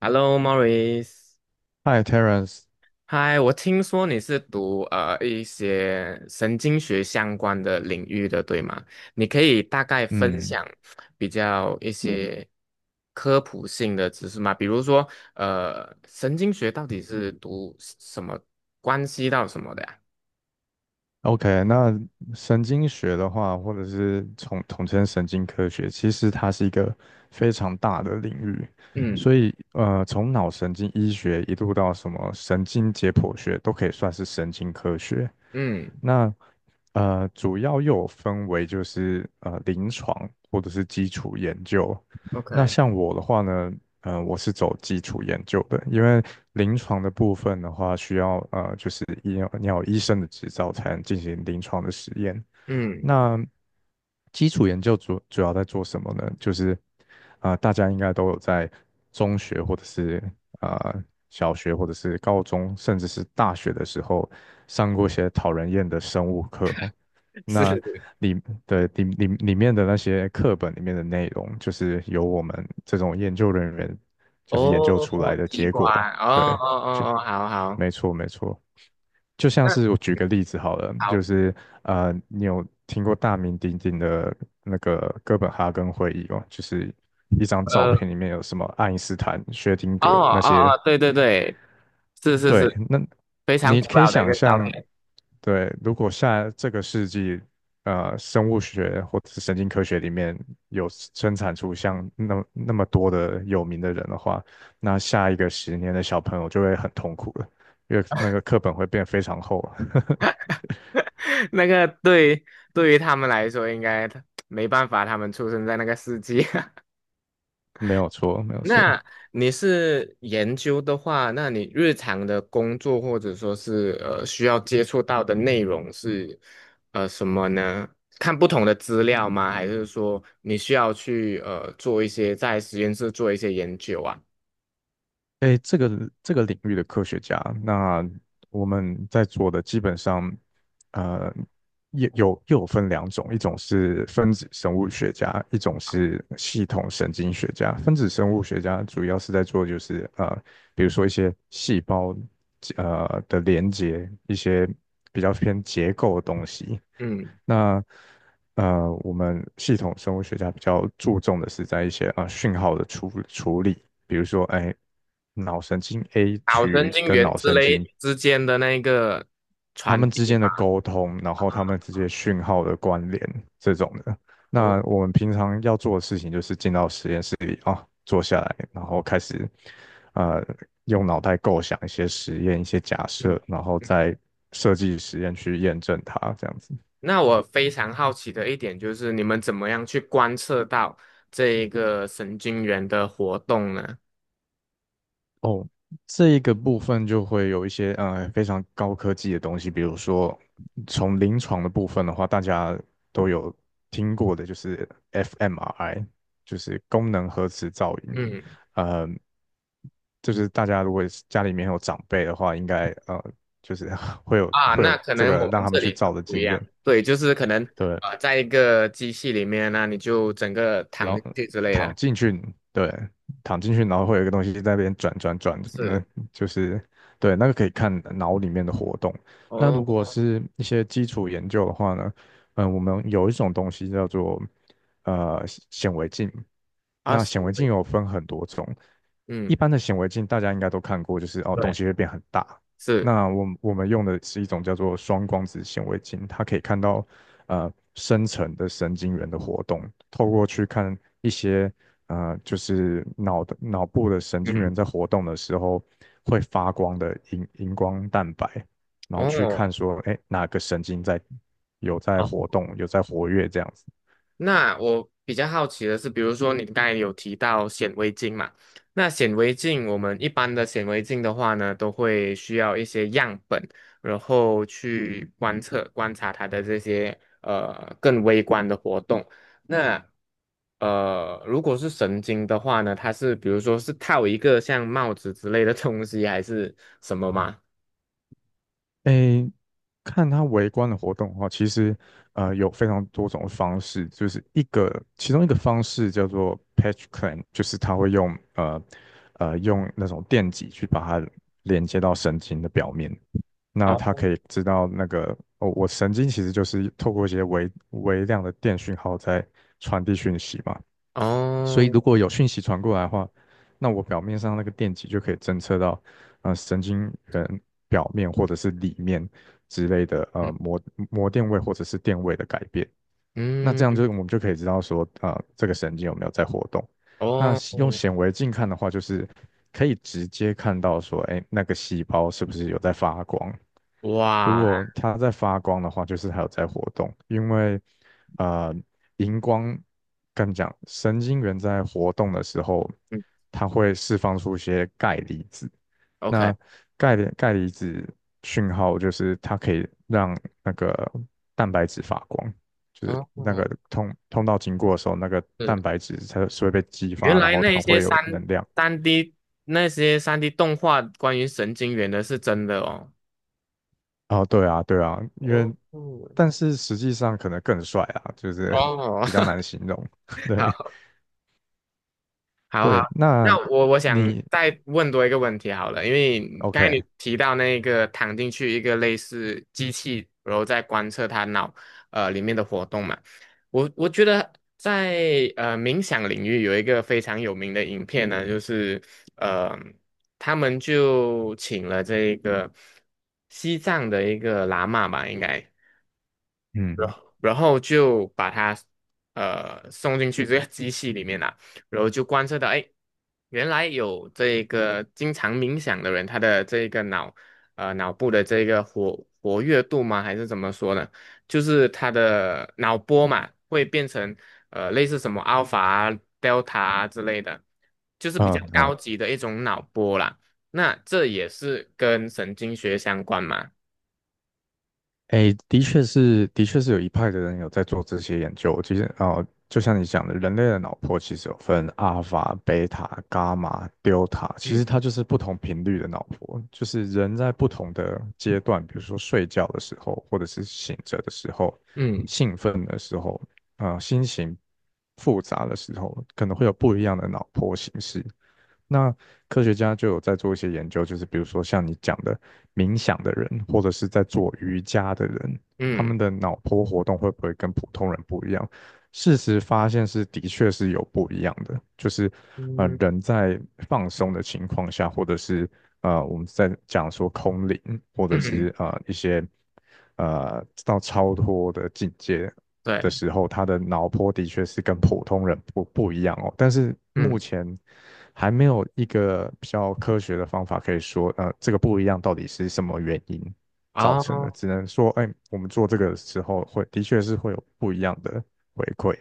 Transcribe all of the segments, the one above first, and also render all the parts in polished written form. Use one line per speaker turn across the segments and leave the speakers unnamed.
Hello, Maurice。
Hi Terence
嗨，我听说你是读一些神经学相关的领域的，对吗？你可以大概分
嗯
享比较一些科普性的知识吗？比如说，神经学到底是读什么，关系到什么的呀？
，OK，那神经学的话，或者是统称神经科学，其实它是一个非常大的领域，
嗯
所以从脑神经医学一路到什么神经解剖学，都可以算是神经科学。
嗯
那主要又有分为就是临床或者是基础研究。那
，OK，
像我的话呢，我是走基础研究的，因为临床的部分的话，需要就是要你要有医生的执照才能进行临床的实验。
嗯，
那基础研究主要在做什么呢？就是大家应该都有在中学或者是啊小学或者是高中，甚至是大学的时候上过一些讨人厌的生物课哦。
是
那
是，
里里面的那些课本里面的内容，就是由我们这种研究人员就是研究出来
哦，
的
器
结果了
官，哦哦
对，就
哦哦，好好，
没错没错。就像是我
那
举个例子好了，就
好。
是你有听过大名鼎鼎的那个哥本哈根会议吗？就是一张照片里面有什么爱因斯坦、薛定
哦
谔那
哦
些
哦，对对对，是是
对，
是，
那
非常
你
古
可以
老的一
想
个照
象，
片。
对，如果下这个世纪，生物学或者是神经科学里面有生产出像那么多的有名的人的话，那下一个十年的小朋友就会很痛苦了，因为那个课本会变非常厚。
那个对，对于他们来说，应该没办法，他们出生在那个世纪。
没有错，没有错。
那你是研究的话，那你日常的工作或者说是需要接触到的内容是什么呢？看不同的资料吗？还是说你需要去做一些在实验室做一些研究啊？
诶，这个领域的科学家，那我们在做的基本上，呃，又有分两种，一种是分子生物学家，一种是系统神经学家。分子生物学家主要是在做就是比如说一些细胞的连接，一些比较偏结构的东西。
嗯
那我们系统生物学家比较注重的是在一些讯号的处理，比如说，哎，脑神经 A
脑
区
神
域
经
跟
元
脑
之
神经
类之间的那个
它
传
们之
递
间的
嘛。
沟通，然后它们之间讯号的关联这种的。
哦，
那我们平常要做的事情就是进到实验室里啊、坐下来，然后开始呃用脑袋构想一些实验、一些假
嗯，
设，然后
嗯
再设计实验去验证它，这样子。
那我非常好奇的一点就是，你们怎么样去观测到这一个神经元的活动呢？
哦，这一个部分就会有一些非常高科技的东西，比如说从临床的部分的话，大家都有听过的，就是 fMRI，就是功能核磁造影。
嗯
呃，就是大家如果是家里面有长辈的话，应该就是 会有会有
那可
这
能
个
我
让
们
他
这
们去
里
照
很
的
不一
经
样，
验。
对，就是可能
对，
在一个机器里面那你就整个
然
躺
后
进去之类
躺
的，
进去，对，躺进去，然后会有一个东西在那边转转转，那
是，
就是对，那个可以看脑里面的活动。那如果
哦，
是一些基础研究的话呢，嗯，我们有一种东西叫做呃显微镜，
二
那
十
显
厘
微镜
米，
有分很多种，一
嗯，
般的显微镜大家应该都看过，就是哦东
对，
西会变很大，
是，
那我们用的是一种叫做双光子显微镜，它可以看到深层的神经元的活动，透过去看一些就是脑部的神经元
嗯，
在活动的时候会发光的荧光蛋白，然后去看
哦。
说哎哪个神经在有在活动，有在活跃这样子。
那我比较好奇的是，比如说你刚才有提到显微镜嘛，那显微镜我们一般的显微镜的话呢，都会需要一些样本，然后去观测观察它的这些更微观的活动。那如果是神经的话呢，它是比如说是套一个像帽子之类的东西，还是什么吗？
诶，看他围观的活动的话，其实有非常多种方式，就是一个其中一个方式叫做 patch clamp，就是他会用那种电极去把它连接到神经的表面，那
哦
他可以知道那个哦，我神经其实就是透过一些微量的电讯号在传递讯息嘛，所以
哦，
如果有讯息传过来的话，那我表面上那个电极就可以侦测到，神经元表面或者是里面之类的，
嗯
膜电位或者是电位的改变。那这样就
嗯，
我们就可以知道说，这个神经有没有在活动。那
哦，
用显微镜看的话，就是可以直接看到说，哎，那个细胞是不是有在发光？如
哇，
果它在发光的话，就是它有在活动，因为呃，荧光跟你讲，神经元在活动的时候，
嗯
它会释放出一些钙离子。
，OK。
那钙离子讯号就是它可以让那个蛋白质发光，就是那
哦，
个通道经过的时候，那个蛋
是，
白质它是会被激
原
发，然
来
后
那一
它
些
会有
三
能量。
三 D 那些3D 动画关于神经元的是真的哦。
哦，对啊，对啊，
哦，
但是实际上可能更帅啊，就是
哦，
比较难形容。对
好，好
对，
好，
那
那我想
你
再问多一个问题好了，因为刚才你
OK？
提到那个躺进去一个类似机器，然后再观测他脑里面的活动嘛，我觉得在冥想领域有一个非常有名的影片呢，就是呃他们就请了这个西藏的一个喇嘛吧，应该。然
嗯
后然后就把它送进去这个机器里面啦、然后就观测到，哎，原来有这个经常冥想的人，他的这个脑部的这个活跃度吗？还是怎么说呢？就是他的脑波嘛，会变成类似什么 alpha 啊、delta 啊之类的，就是比较
嗯嗯，
高级的一种脑波啦。那这也是跟神经学相关嘛？
哎，的确是，的确是有一派的人有在做这些研究。其实，哦，就像你讲的，人类的脑波其实有分阿尔法、贝塔、伽马、delta，其实
嗯
它就是不同频率的脑波，就是人在不同的阶段，比如说睡觉的时候，或者是醒着的时候，
嗯
兴奋的时候，心情复杂的时候，可能会有不一样的脑波形式。那科学家就有在做一些研究，就是比如说像你讲的冥想的人，或者是在做瑜伽的人，他们
嗯
的脑波活动会不会跟普通人不一样？事实发现是的确是有不一样的，就是
嗯。
人在放松的情况下，或者是我们在讲说空灵，或者
嗯，
是一些到超脱的境界，的
对，
时候，他的脑波的确是跟普通人不一样哦。但是目
嗯，
前还没有一个比较科学的方法可以说，这个不一样到底是什么原因造成的，
哦，
只能说，哎，我们做这个的时候会的确是会有不一样的回馈。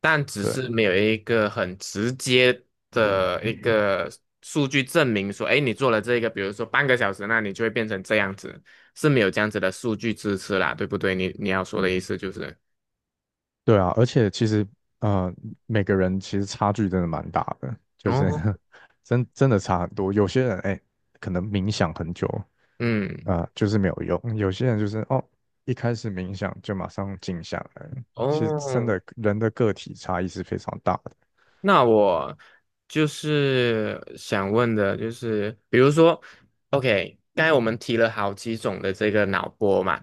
但只
对，
是没有一个很直接的一个数据证明说，哎，你做了这个，比如说半个小时，那你就会变成这样子，是没有这样子的数据支持啦，对不对？你要说的意思就是，
对啊，而且其实，呃，每个人其实差距真的蛮大的，就是
哦，
真的差很多。有些人，哎，可能冥想很久，
嗯，
就是没有用。有些人就是哦，一开始冥想就马上静下来了其实真
哦，
的人的个体差异是非常大的。
那我就是想问的，就是比如说，OK，刚才我们提了好几种的这个脑波嘛。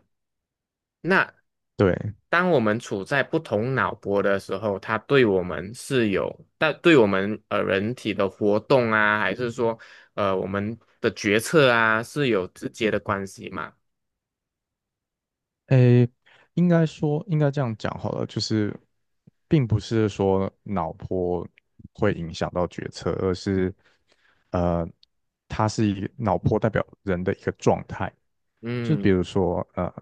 那
对，
当我们处在不同脑波的时候，它对我们是有，但对我们人体的活动啊，还是说我们的决策啊，是有直接的关系嘛？
诶，应该这样讲好了，就是并不是说脑波会影响到决策，而是呃，它是一个脑波代表人的一个状态。就是比
嗯，
如说，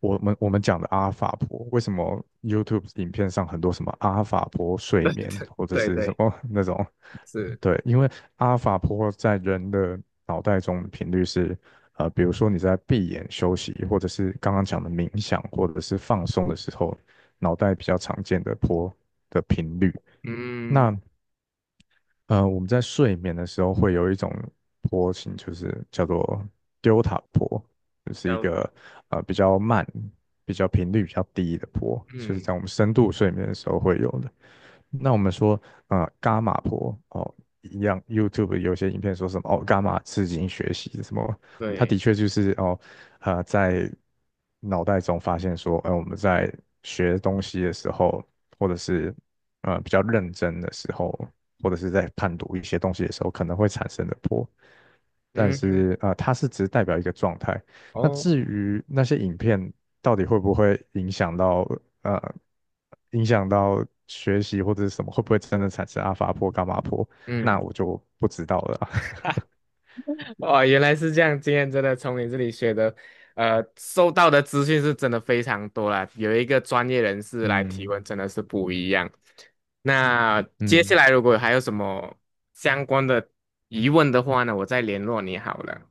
我们讲的阿尔法波，为什么 YouTube 影片上很多什么阿尔法波睡眠或者
对
是什
对，
么 那种？
是，
对，因为阿尔法波在人的脑袋中的频率是，比如说你在闭眼休息，或者是刚刚讲的冥想，或者是放松的时候，脑袋比较常见的波的频率。
嗯，
那我们在睡眠的时候会有一种坡形，就是叫做丢塔坡，就是一
要，
个比较慢、比较频率比较低的坡，就是
嗯，
在我们深度睡眠的时候会有的。那我们说，伽马波哦，一样，YouTube 有些影片说什么哦，伽马刺激学习什么，它的
对，
确就是哦，在脑袋中发现说，哎，我们在学东西的时候，或者是比较认真的时候，或者是在判读一些东西的时候，可能会产生的波。但
嗯，
是它是只代表一个状态。那
哦，
至于那些影片到底会不会呃影响到学习或者是什么，会不会真的产生阿法波、伽马波？那
嗯。
我就不知道了啊
哦，原来是这样。今天真的从你这里学的，收到的资讯是真的非常多啦。有一个专业人士来提
嗯
问，真的是不一样。那接下
嗯，
来如果还有什么相关的疑问的话呢，我再联络你好了。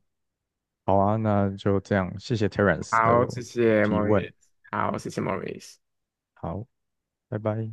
好啊，那就这样，谢谢 Terence 的
好，谢谢 m a
提
u r
问，
i c。 好，谢谢 Mauric
好，拜拜。